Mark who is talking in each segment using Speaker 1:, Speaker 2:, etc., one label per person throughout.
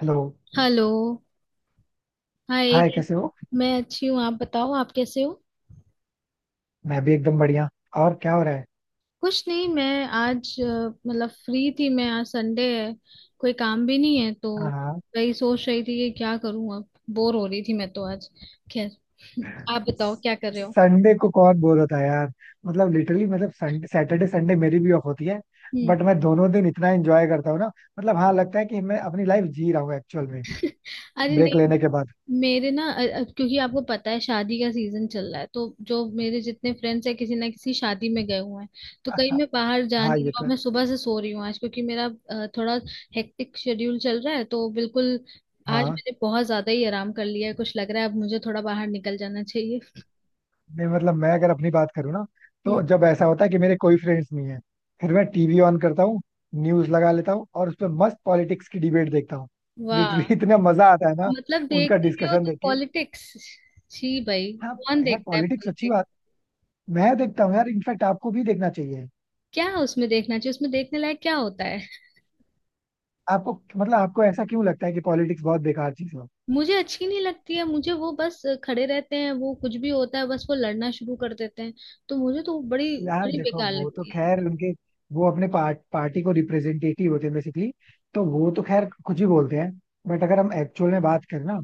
Speaker 1: Hello.
Speaker 2: Hello. Hi
Speaker 1: hi, कैसे
Speaker 2: कैसे।
Speaker 1: हो?
Speaker 2: मैं अच्छी हूँ, आप बताओ आप कैसे हो।
Speaker 1: मैं भी एकदम बढ़िया. और क्या हो रहा है?
Speaker 2: कुछ नहीं, मैं आज मतलब फ्री थी। मैं आज संडे है, कोई काम भी नहीं है तो
Speaker 1: हाँ, हाँ.
Speaker 2: वही सोच रही थी कि क्या करूँ अब। बोर हो रही थी मैं तो आज। खैर। आप बताओ क्या कर रहे हो।
Speaker 1: संडे को कौन बोर होता है यार? मतलब लिटरली, मतलब संडे, सैटरडे संडे मेरी भी ऑफ होती है.
Speaker 2: हम्म।
Speaker 1: बट मैं दोनों दिन इतना एंजॉय करता हूँ ना. मतलब हाँ, लगता है कि मैं अपनी लाइफ जी रहा हूँ एक्चुअल में,
Speaker 2: अरे
Speaker 1: ब्रेक
Speaker 2: नहीं।
Speaker 1: लेने के बाद.
Speaker 2: मेरे ना क्योंकि आपको पता है शादी का सीजन चल रहा है, तो जो मेरे जितने फ्रेंड्स हैं किसी ना किसी शादी में गए हुए हैं। तो कहीं मैं बाहर जा
Speaker 1: हाँ,
Speaker 2: नहीं रही
Speaker 1: ये
Speaker 2: हूँ
Speaker 1: तो
Speaker 2: और
Speaker 1: है.
Speaker 2: मैं सुबह से सो रही हूँ आज, क्योंकि मेरा थोड़ा हेक्टिक शेड्यूल चल रहा है, तो बिल्कुल आज
Speaker 1: हाँ,
Speaker 2: मैंने बहुत ज्यादा ही आराम कर लिया है। कुछ लग रहा है अब मुझे थोड़ा बाहर निकल जाना चाहिए।
Speaker 1: नहीं, मतलब मैं अगर अपनी बात करूँ ना,
Speaker 2: हम्म।
Speaker 1: तो जब ऐसा होता है कि मेरे कोई फ्रेंड्स नहीं है, फिर मैं टीवी ऑन करता हूँ. न्यूज लगा लेता हूँ और उस पर मस्त पॉलिटिक्स की डिबेट देखता हूँ. लिटरली
Speaker 2: वाह।
Speaker 1: इतना मजा आता है ना,
Speaker 2: मतलब
Speaker 1: उनका
Speaker 2: देखते भी हो
Speaker 1: डिस्कशन
Speaker 2: तो
Speaker 1: देख के.
Speaker 2: पॉलिटिक्स। छी भाई,
Speaker 1: हाँ.
Speaker 2: कौन
Speaker 1: यार
Speaker 2: देखता है
Speaker 1: पॉलिटिक्स अच्छी
Speaker 2: पॉलिटिक्स।
Speaker 1: बात. मैं देखता हूँ यार, इनफैक्ट आपको भी देखना चाहिए.
Speaker 2: क्या उसमें देखना चाहिए, उसमें देखने लायक क्या होता है।
Speaker 1: आपको मतलब, आपको ऐसा क्यों लगता है कि पॉलिटिक्स बहुत बेकार चीज हो?
Speaker 2: मुझे अच्छी नहीं लगती है मुझे, वो बस खड़े रहते हैं, वो कुछ भी होता है बस वो लड़ना शुरू कर देते हैं। तो मुझे तो वो बड़ी
Speaker 1: यार
Speaker 2: बड़ी
Speaker 1: देखो,
Speaker 2: बेकार
Speaker 1: वो तो
Speaker 2: लगती है।
Speaker 1: खैर उनके, वो अपने पार्टी को रिप्रेजेंटेटिव होते हैं बेसिकली. तो वो तो खैर कुछ ही बोलते हैं. बट अगर हम एक्चुअल में बात करें ना,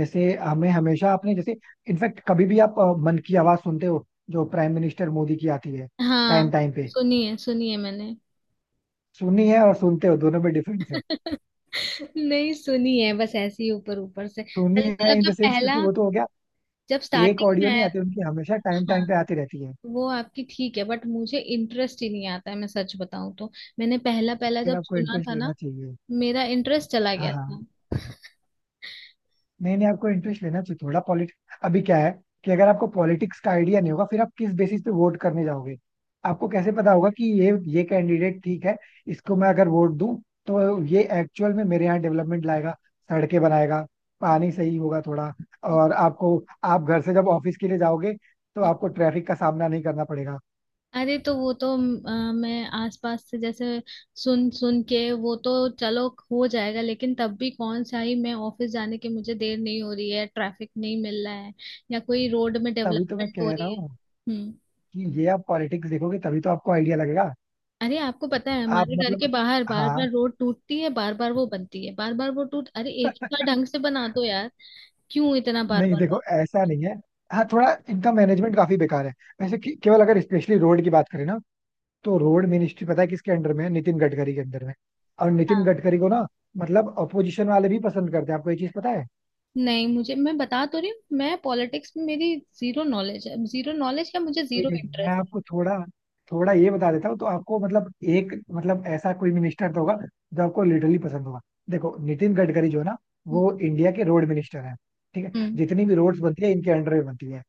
Speaker 1: जैसे हमें हमेशा आपने जैसे इनफैक्ट कभी भी आप मन की आवाज सुनते हो, जो प्राइम मिनिस्टर मोदी की आती है
Speaker 2: हाँ,
Speaker 1: टाइम टाइम पे.
Speaker 2: सुनी है मैंने।
Speaker 1: सुननी है और सुनते हो, दोनों में डिफरेंस है.
Speaker 2: नहीं सुनी है, बस ऐसे ही ऊपर ऊपर से।
Speaker 1: सुननी है
Speaker 2: मतलब
Speaker 1: इन
Speaker 2: जब
Speaker 1: द सेंस, क्योंकि
Speaker 2: पहला
Speaker 1: वो तो हो गया.
Speaker 2: जब
Speaker 1: एक
Speaker 2: स्टार्टिंग
Speaker 1: ऑडियो
Speaker 2: में
Speaker 1: नहीं
Speaker 2: है।
Speaker 1: आती उनकी, हमेशा टाइम
Speaker 2: हाँ
Speaker 1: टाइम पे आती रहती है.
Speaker 2: वो आपकी ठीक है, बट मुझे इंटरेस्ट ही नहीं आता है मैं सच बताऊं तो। मैंने पहला पहला
Speaker 1: फिर
Speaker 2: जब
Speaker 1: आपको
Speaker 2: सुना
Speaker 1: इंटरेस्ट
Speaker 2: था ना,
Speaker 1: लेना चाहिए.
Speaker 2: मेरा इंटरेस्ट चला
Speaker 1: हाँ,
Speaker 2: गया
Speaker 1: हाँ.
Speaker 2: था।
Speaker 1: नहीं नहीं, आपको इंटरेस्ट लेना चाहिए थोड़ा पॉलिटिक्स. अभी क्या है कि अगर आपको पॉलिटिक्स का आइडिया नहीं होगा, फिर आप किस बेसिस पे वोट करने जाओगे? आपको कैसे पता होगा कि ये कैंडिडेट ठीक है, इसको मैं अगर वोट दूं तो ये एक्चुअल में मेरे यहाँ डेवलपमेंट लाएगा, सड़कें बनाएगा, पानी सही होगा थोड़ा. और आपको, आप घर से जब ऑफिस के लिए जाओगे तो आपको ट्रैफिक का सामना नहीं करना पड़ेगा.
Speaker 2: अरे तो वो तो मैं आसपास से जैसे सुन सुन के, वो तो चलो हो जाएगा, लेकिन तब भी कौन सा ही मैं ऑफिस जाने के मुझे देर नहीं हो रही है, ट्रैफिक नहीं मिल रहा है, या कोई रोड में
Speaker 1: तभी तो मैं
Speaker 2: डेवलपमेंट हो
Speaker 1: कह रहा
Speaker 2: रही है।
Speaker 1: हूँ
Speaker 2: हम्म।
Speaker 1: कि ये आप पॉलिटिक्स देखोगे तभी तो आपको आइडिया लगेगा.
Speaker 2: अरे आपको पता है
Speaker 1: आप
Speaker 2: हमारे घर के
Speaker 1: मतलब,
Speaker 2: बाहर बार
Speaker 1: हाँ.
Speaker 2: बार रोड टूटती है, बार बार वो बनती है, बार बार वो टूट, अरे एक ही बार ढंग से बना दो यार। क्यों इतना बार
Speaker 1: नहीं
Speaker 2: बार बार।
Speaker 1: देखो, ऐसा नहीं है. हाँ, थोड़ा इनका मैनेजमेंट काफी बेकार है वैसे. केवल अगर स्पेशली रोड की बात करें ना, तो रोड मिनिस्ट्री पता है किसके अंडर में है? नितिन गडकरी के अंदर में. और नितिन
Speaker 2: हाँ।
Speaker 1: गडकरी को ना, मतलब अपोजिशन वाले भी पसंद करते हैं, आपको ये चीज पता है?
Speaker 2: नहीं, मुझे मैं बता तो रही हूँ, मैं पॉलिटिक्स में मेरी जीरो नॉलेज है, जीरो नॉलेज क्या मुझे
Speaker 1: कोई
Speaker 2: जीरो
Speaker 1: नहीं, मैं
Speaker 2: इंटरेस्ट
Speaker 1: आपको थोड़ा थोड़ा ये बता देता हूँ. तो आपको मतलब, एक मतलब ऐसा कोई मिनिस्टर तो होगा जो आपको लिटरली पसंद होगा. देखो नितिन गडकरी जो है ना,
Speaker 2: है।
Speaker 1: वो इंडिया के रोड मिनिस्टर है ठीक है,
Speaker 2: हम्म।
Speaker 1: जितनी भी रोड्स बनती है इनके अंडर में बनती है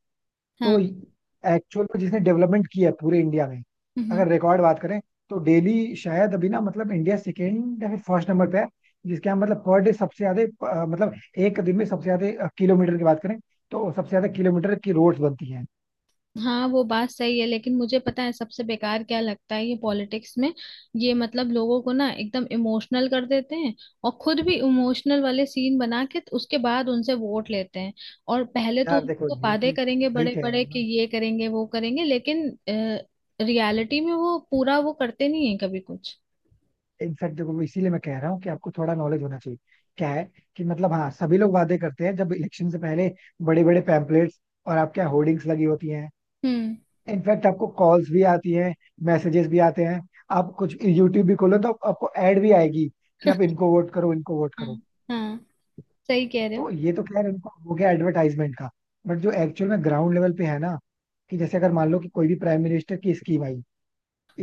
Speaker 1: तो
Speaker 2: हाँ।
Speaker 1: एक्चुअल में जिसने डेवलपमेंट किया है पूरे इंडिया में,
Speaker 2: हम्म।
Speaker 1: अगर रिकॉर्ड बात करें, तो डेली शायद अभी ना, मतलब इंडिया सेकेंड या फिर फर्स्ट नंबर पे है जिसके यहाँ, मतलब पर डे सबसे ज्यादा, मतलब एक दिन में सबसे ज्यादा किलोमीटर की बात करें, तो सबसे ज्यादा किलोमीटर की रोड्स बनती हैं.
Speaker 2: हाँ वो बात सही है, लेकिन मुझे पता है सबसे बेकार क्या लगता है ये पॉलिटिक्स में। ये मतलब लोगों को ना एकदम इमोशनल कर देते हैं और खुद भी इमोशनल वाले सीन बना के, तो उसके बाद उनसे वोट लेते हैं। और पहले तो
Speaker 1: यार देखो
Speaker 2: उनको
Speaker 1: ये
Speaker 2: वादे
Speaker 1: चीज,
Speaker 2: करेंगे
Speaker 1: वही
Speaker 2: बड़े
Speaker 1: कह रहा
Speaker 2: बड़े
Speaker 1: हूँ
Speaker 2: कि
Speaker 1: ना.
Speaker 2: ये करेंगे वो करेंगे, लेकिन रियलिटी में वो पूरा वो करते नहीं है कभी कुछ।
Speaker 1: इनफैक्ट देखो, वो इसीलिए मैं कह रहा हूँ कि आपको थोड़ा नॉलेज होना चाहिए. क्या है कि मतलब हाँ, सभी लोग वादे करते हैं जब इलेक्शन से पहले. बड़े बड़े पैम्पलेट्स और आपके यहाँ होर्डिंग्स लगी होती हैं.
Speaker 2: हम्म।
Speaker 1: इनफैक्ट आपको कॉल्स भी आती हैं, मैसेजेस भी आते हैं. आप कुछ यूट्यूब भी खोलो तो आपको एड भी आएगी कि आप इनको वोट करो, इनको वोट
Speaker 2: हाँ
Speaker 1: करो.
Speaker 2: हाँ सही कह रहे
Speaker 1: तो
Speaker 2: हो।
Speaker 1: ये तो खैर इनको हो गया एडवर्टाइजमेंट का. बट जो एक्चुअल में ग्राउंड लेवल पे है ना, कि जैसे अगर मान लो कि कोई भी प्राइम मिनिस्टर की स्कीम आई,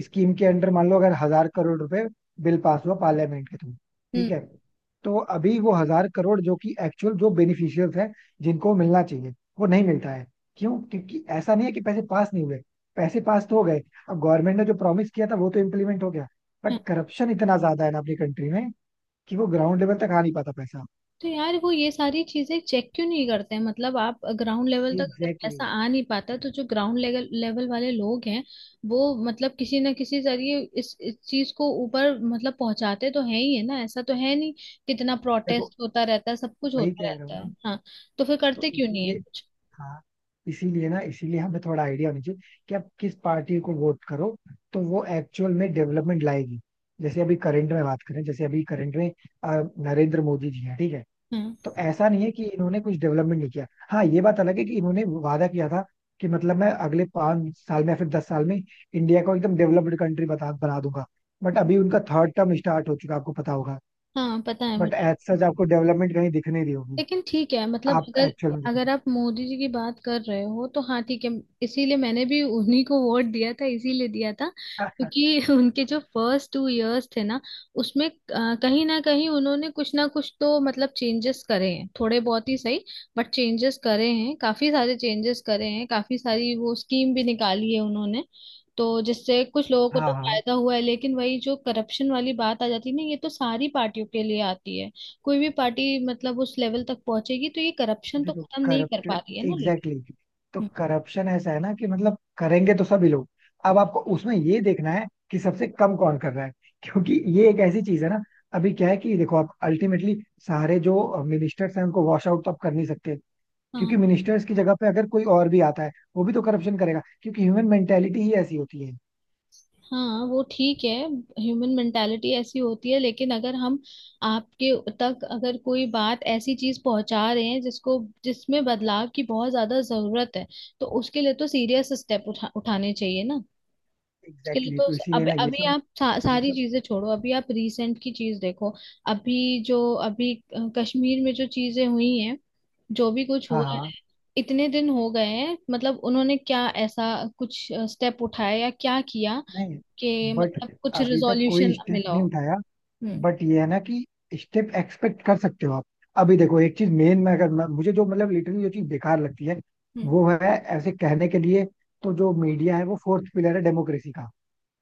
Speaker 1: स्कीम के अंडर मान लो अगर 1000 करोड़ रुपए बिल पास हुआ पार्लियामेंट के थ्रू. ठीक
Speaker 2: हम्म।
Speaker 1: है, तो अभी वो 1000 करोड़ जो कि एक्चुअल जो बेनिफिशियल्स हैं, जिनको मिलना चाहिए, वो नहीं मिलता है. क्यों? क्योंकि ऐसा नहीं है कि पैसे पास नहीं हुए, पैसे पास तो हो गए. अब गवर्नमेंट ने जो प्रॉमिस किया था वो तो इम्प्लीमेंट हो गया.
Speaker 2: हाँ।
Speaker 1: बट करप्शन इतना ज्यादा है ना अपनी कंट्री में, कि वो ग्राउंड लेवल तक आ नहीं पाता पैसा.
Speaker 2: तो यार वो ये सारी चीजें चेक क्यों नहीं करते हैं, मतलब आप ग्राउंड लेवल तक अगर
Speaker 1: एग्जैक्टली
Speaker 2: पैसा
Speaker 1: exactly.
Speaker 2: आ नहीं पाता, तो जो ग्राउंड लेवल लेवल वाले लोग हैं वो मतलब किसी ना किसी जरिए इस चीज को ऊपर मतलब पहुंचाते तो है ही है ना, ऐसा तो है नहीं। कितना
Speaker 1: देखो,
Speaker 2: प्रोटेस्ट होता रहता है, सब कुछ
Speaker 1: वही
Speaker 2: होता
Speaker 1: कह रहा हूँ
Speaker 2: रहता
Speaker 1: ना.
Speaker 2: है। हाँ। तो फिर
Speaker 1: तो
Speaker 2: करते क्यों नहीं है
Speaker 1: इसलिए,
Speaker 2: कुछ।
Speaker 1: हाँ, इसीलिए ना, इसीलिए हमें थोड़ा आइडिया होना चाहिए कि आप किस पार्टी को वोट करो, तो वो एक्चुअल में डेवलपमेंट लाएगी. जैसे अभी करंट में बात करें, जैसे अभी करंट में अ, नरेंद्र मोदी जी हैं. ठीक है,
Speaker 2: हाँ
Speaker 1: तो ऐसा नहीं है कि इन्होंने कुछ डेवलपमेंट नहीं किया. हाँ, ये बात अलग है कि इन्होंने वादा किया था कि मतलब मैं अगले 5 साल में या फिर 10 साल में इंडिया को एकदम डेवलप्ड कंट्री बता बना दूंगा. बट अभी उनका थर्ड टर्म स्टार्ट हो चुका है, आपको पता होगा.
Speaker 2: हाँ पता है
Speaker 1: बट
Speaker 2: मुझे।
Speaker 1: एज सच आपको डेवलपमेंट कहीं दिख नहीं रही होगी.
Speaker 2: लेकिन ठीक है मतलब
Speaker 1: आप
Speaker 2: अगर,
Speaker 1: एक्चुअल में
Speaker 2: अगर
Speaker 1: देखो.
Speaker 2: आप मोदी जी की बात कर रहे हो तो हाँ ठीक है। इसीलिए मैंने भी उन्हीं को वोट दिया था, इसीलिए दिया था क्योंकि उनके जो फर्स्ट टू इयर्स थे ना, उसमें कहीं ना कहीं उन्होंने कुछ ना कुछ तो मतलब चेंजेस करे हैं, थोड़े बहुत ही सही। बट चेंजेस करे हैं, काफी सारे चेंजेस करे हैं, काफी सारी वो स्कीम भी निकाली है उन्होंने, तो जिससे कुछ लोगों को
Speaker 1: हाँ,
Speaker 2: तो
Speaker 1: हाँ.
Speaker 2: फायदा हुआ है। लेकिन वही जो करप्शन वाली बात आ जाती है ना, ये तो सारी पार्टियों के लिए आती है। कोई भी पार्टी मतलब उस लेवल तक पहुंचेगी तो ये करप्शन तो
Speaker 1: देखो
Speaker 2: खत्म नहीं कर पा
Speaker 1: करप्टेड,
Speaker 2: रही है ना, लेकिन।
Speaker 1: Exactly exactly. तो
Speaker 2: हम्म।
Speaker 1: करप्शन ऐसा है ना कि मतलब करेंगे तो सभी लोग. अब आपको उसमें ये देखना है कि सबसे कम कौन कर रहा है, क्योंकि ये एक ऐसी चीज है ना. अभी क्या है कि देखो, आप अल्टीमेटली सारे जो मिनिस्टर्स हैं उनको वॉश आउट तो आप कर नहीं सकते,
Speaker 2: हाँ
Speaker 1: क्योंकि मिनिस्टर्स की जगह पे अगर कोई और भी आता है, वो भी तो करप्शन करेगा, क्योंकि ह्यूमन मेंटेलिटी ही ऐसी होती है.
Speaker 2: हाँ वो ठीक है। ह्यूमन मेंटालिटी ऐसी होती है, लेकिन अगर हम आपके तक अगर कोई बात ऐसी चीज पहुंचा रहे हैं जिसको जिसमें बदलाव की बहुत ज्यादा जरूरत है, तो उसके लिए तो सीरियस स्टेप उठाने चाहिए ना। उसके लिए
Speaker 1: एग्जैक्टली
Speaker 2: तो
Speaker 1: exactly. तो इसीलिए
Speaker 2: अब
Speaker 1: ना, ये
Speaker 2: अभी
Speaker 1: सब
Speaker 2: आप सा,
Speaker 1: ये
Speaker 2: सारी
Speaker 1: सब
Speaker 2: चीजें छोड़ो, अभी आप रिसेंट की चीज देखो। अभी जो अभी कश्मीर में जो चीजें हुई हैं, जो भी कुछ
Speaker 1: हाँ,
Speaker 2: हुआ,
Speaker 1: हाँ,
Speaker 2: इतने दिन हो गए हैं, मतलब उन्होंने क्या ऐसा कुछ स्टेप उठाया या क्या किया
Speaker 1: नहीं.
Speaker 2: कि
Speaker 1: बट
Speaker 2: मतलब कुछ
Speaker 1: अभी तक कोई
Speaker 2: रिजोल्यूशन
Speaker 1: स्टेप
Speaker 2: मिला
Speaker 1: नहीं
Speaker 2: हो।
Speaker 1: उठाया.
Speaker 2: हम्म।
Speaker 1: बट ये है ना कि स्टेप एक्सपेक्ट कर सकते हो आप. अभी देखो एक चीज मेन में, अगर मैं, मुझे जो मतलब लिटरली जो चीज बेकार लगती है,
Speaker 2: हम्म।
Speaker 1: वो है, ऐसे कहने के लिए, तो जो मीडिया है वो फोर्थ पिलर है डेमोक्रेसी का.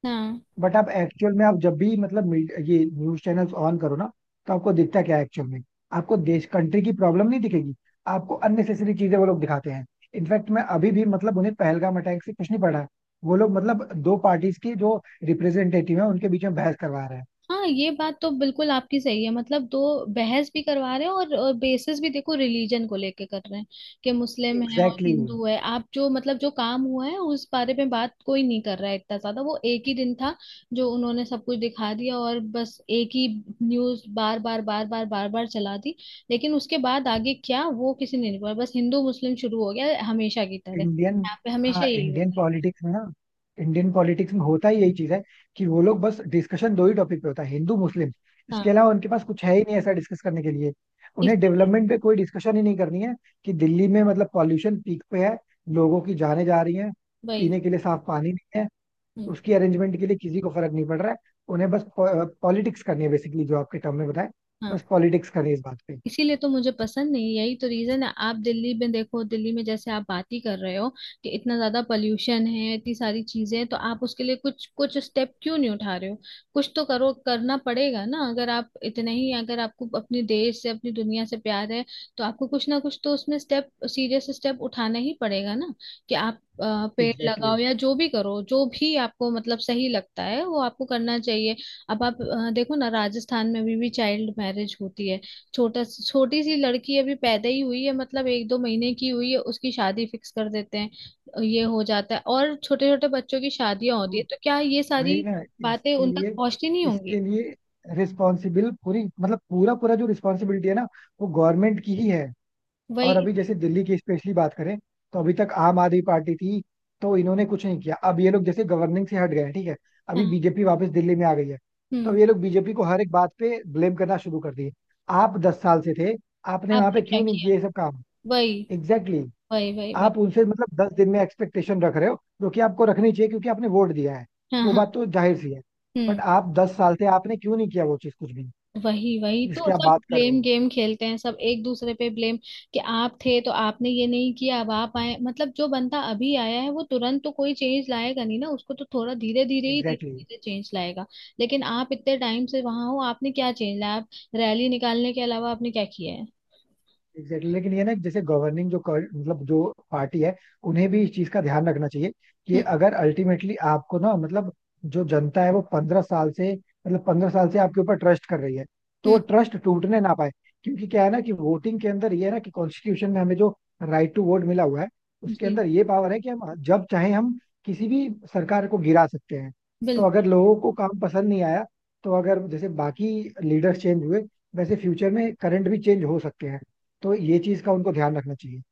Speaker 2: हाँ,
Speaker 1: बट आप एक्चुअल में आप जब भी मतलब ये न्यूज चैनल्स ऑन करो ना, तो आपको दिखता क्या है एक्चुअल में? आपको देश कंट्री की प्रॉब्लम नहीं दिखेगी. आपको अननेसेसरी चीजें वो लोग दिखाते हैं. इनफैक्ट मैं अभी भी मतलब, उन्हें पहलगाम अटैक से कुछ नहीं पड़ा है. वो लोग मतलब दो पार्टीज के जो रिप्रेजेंटेटिव है उनके बीच में बहस करवा रहे हैं.
Speaker 2: हाँ ये बात तो बिल्कुल आपकी सही है, मतलब दो बहस भी करवा रहे हैं और बेसिस भी देखो रिलीजन को लेके कर रहे हैं, कि मुस्लिम है और
Speaker 1: एग्जैक्टली.
Speaker 2: हिंदू है। आप जो मतलब जो काम हुआ है उस बारे में बात कोई नहीं कर रहा है इतना ज्यादा। वो एक ही दिन था जो उन्होंने सब कुछ दिखा दिया और बस एक ही न्यूज बार बार बार बार बार बार चला दी, लेकिन उसके बाद आगे क्या वो किसी ने नहीं बोला। बस हिंदू मुस्लिम शुरू हो गया हमेशा की तरह,
Speaker 1: इंडियन,
Speaker 2: यहाँ पे हमेशा
Speaker 1: हाँ
Speaker 2: यही
Speaker 1: इंडियन
Speaker 2: होता है।
Speaker 1: पॉलिटिक्स में ना, इंडियन पॉलिटिक्स में होता ही यही चीज है कि वो लोग बस डिस्कशन दो ही टॉपिक पे होता है, हिंदू मुस्लिम. इसके
Speaker 2: हाँ।
Speaker 1: अलावा उनके पास कुछ है ही नहीं ऐसा डिस्कस करने के लिए.
Speaker 2: इस
Speaker 1: उन्हें डेवलपमेंट पे कोई डिस्कशन ही नहीं करनी है. कि दिल्ली में मतलब पॉल्यूशन पीक पे है, लोगों की जानें जा रही हैं,
Speaker 2: वही।
Speaker 1: पीने के लिए साफ पानी नहीं है,
Speaker 2: हम्म।
Speaker 1: उसकी अरेंजमेंट के लिए किसी को फर्क नहीं पड़ रहा है. उन्हें बस पॉलिटिक्स करनी है बेसिकली, जो आपके टर्म में बताए, बस
Speaker 2: हाँ।
Speaker 1: पॉलिटिक्स करनी है इस बात पे.
Speaker 2: इसीलिए तो मुझे पसंद नहीं है। यही तो रीजन है। आप दिल्ली में देखो, दिल्ली में जैसे आप बात ही कर रहे हो कि इतना ज्यादा पोल्यूशन है, इतनी सारी चीजें हैं, तो आप उसके लिए कुछ कुछ स्टेप क्यों नहीं उठा रहे हो। कुछ तो करो, करना पड़ेगा ना, अगर आप इतने ही अगर आपको अपने देश से अपनी दुनिया से प्यार है तो आपको कुछ ना कुछ तो उसमें स्टेप सीरियस स्टेप उठाना ही पड़ेगा ना, कि आप पेड़
Speaker 1: एग्जैक्टली.
Speaker 2: लगाओ या जो भी करो, जो भी आपको मतलब सही लगता है वो आपको करना चाहिए। अब आप देखो ना, राजस्थान में अभी भी चाइल्ड मैरिज होती है। छोटा छोटी सी लड़की अभी पैदा ही हुई है, मतलब एक दो महीने की हुई है, उसकी शादी फिक्स कर देते हैं, ये हो जाता है। और छोटे छोटे बच्चों की शादियां होती है, तो क्या ये
Speaker 1: वही
Speaker 2: सारी
Speaker 1: ना,
Speaker 2: बातें
Speaker 1: इसके
Speaker 2: उन तक
Speaker 1: लिए,
Speaker 2: पहुंचती नहीं होंगी।
Speaker 1: इसके लिए रिस्पॉन्सिबल पूरी, मतलब पूरा पूरा जो रिस्पॉन्सिबिलिटी है ना, वो गवर्नमेंट की ही है. और
Speaker 2: वही।
Speaker 1: अभी जैसे दिल्ली की स्पेशली बात करें, तो अभी तक आम आदमी पार्टी थी, तो इन्होंने कुछ नहीं किया. अब ये लोग जैसे गवर्निंग से हट गए हैं, ठीक है, अभी
Speaker 2: हाँ।
Speaker 1: बीजेपी वापस दिल्ली में आ गई है. तो अब
Speaker 2: हम्म।
Speaker 1: ये लोग बीजेपी को हर एक बात पे ब्लेम करना शुरू कर दिए, आप 10 साल से थे, आपने वहां
Speaker 2: आपने
Speaker 1: पे
Speaker 2: क्या
Speaker 1: क्यों नहीं
Speaker 2: किया,
Speaker 1: किए ये सब काम?
Speaker 2: वही
Speaker 1: एग्जैक्टली.
Speaker 2: वही वही वही।
Speaker 1: आप उनसे मतलब 10 दिन में एक्सपेक्टेशन रख रहे हो, जो कि आपको रखनी चाहिए क्योंकि आपने वोट दिया है,
Speaker 2: हाँ
Speaker 1: वो
Speaker 2: हाँ।
Speaker 1: बात तो जाहिर सी है. बट
Speaker 2: हम्म।
Speaker 1: आप 10 साल से आपने क्यों नहीं किया वो चीज कुछ भी,
Speaker 2: वही वही तो
Speaker 1: जिसकी आप
Speaker 2: सब
Speaker 1: बात कर रहे
Speaker 2: ब्लेम
Speaker 1: हो?
Speaker 2: गेम खेलते हैं, सब एक दूसरे पे ब्लेम, कि आप थे तो आपने ये नहीं किया, अब आप आए, मतलब जो बंदा अभी आया है वो तुरंत तो कोई चेंज लाएगा नहीं ना, उसको तो थोड़ा धीरे धीरे ही धीरे
Speaker 1: एग्जैक्टली.
Speaker 2: धीरे चेंज लाएगा। लेकिन आप इतने टाइम से वहां हो आपने क्या चेंज लाया, आप रैली निकालने के अलावा आपने क्या किया है।
Speaker 1: Exactly exactly. लेकिन ये ना, जैसे गवर्निंग जो मतलब जो पार्टी है, उन्हें भी इस चीज का ध्यान रखना चाहिए, कि
Speaker 2: हम्म।
Speaker 1: अगर अल्टीमेटली आपको ना, मतलब, जो जनता है वो 15 साल से, मतलब 15 साल से आपके ऊपर ट्रस्ट कर रही है, तो
Speaker 2: हम्म।
Speaker 1: ट्रस्ट टूटने ना पाए. क्योंकि क्या है ना कि वोटिंग के अंदर ये है ना कि कॉन्स्टिट्यूशन में हमें जो राइट टू वोट मिला हुआ है, उसके
Speaker 2: जी
Speaker 1: अंदर ये पावर है कि हम जब चाहे हम किसी भी सरकार को गिरा सकते हैं. तो
Speaker 2: बिल्कुल।
Speaker 1: अगर लोगों को काम पसंद नहीं आया, तो अगर जैसे बाकी लीडर्स चेंज हुए, वैसे फ्यूचर में करंट भी चेंज हो सकते हैं. तो ये चीज का उनको ध्यान रखना चाहिए.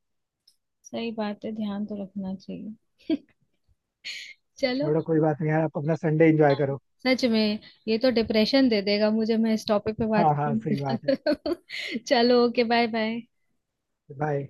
Speaker 2: सही बात है, ध्यान तो रखना चाहिए। चलो।
Speaker 1: छोड़ो, कोई बात नहीं यार, आप अपना संडे एंजॉय
Speaker 2: हाँ,
Speaker 1: करो.
Speaker 2: सच में ये तो डिप्रेशन दे देगा मुझे, मैं इस टॉपिक पे बात
Speaker 1: हाँ हाँ
Speaker 2: करूंगी
Speaker 1: सही बात है.
Speaker 2: ज्यादा। चलो ओके, बाय बाय।
Speaker 1: बाय.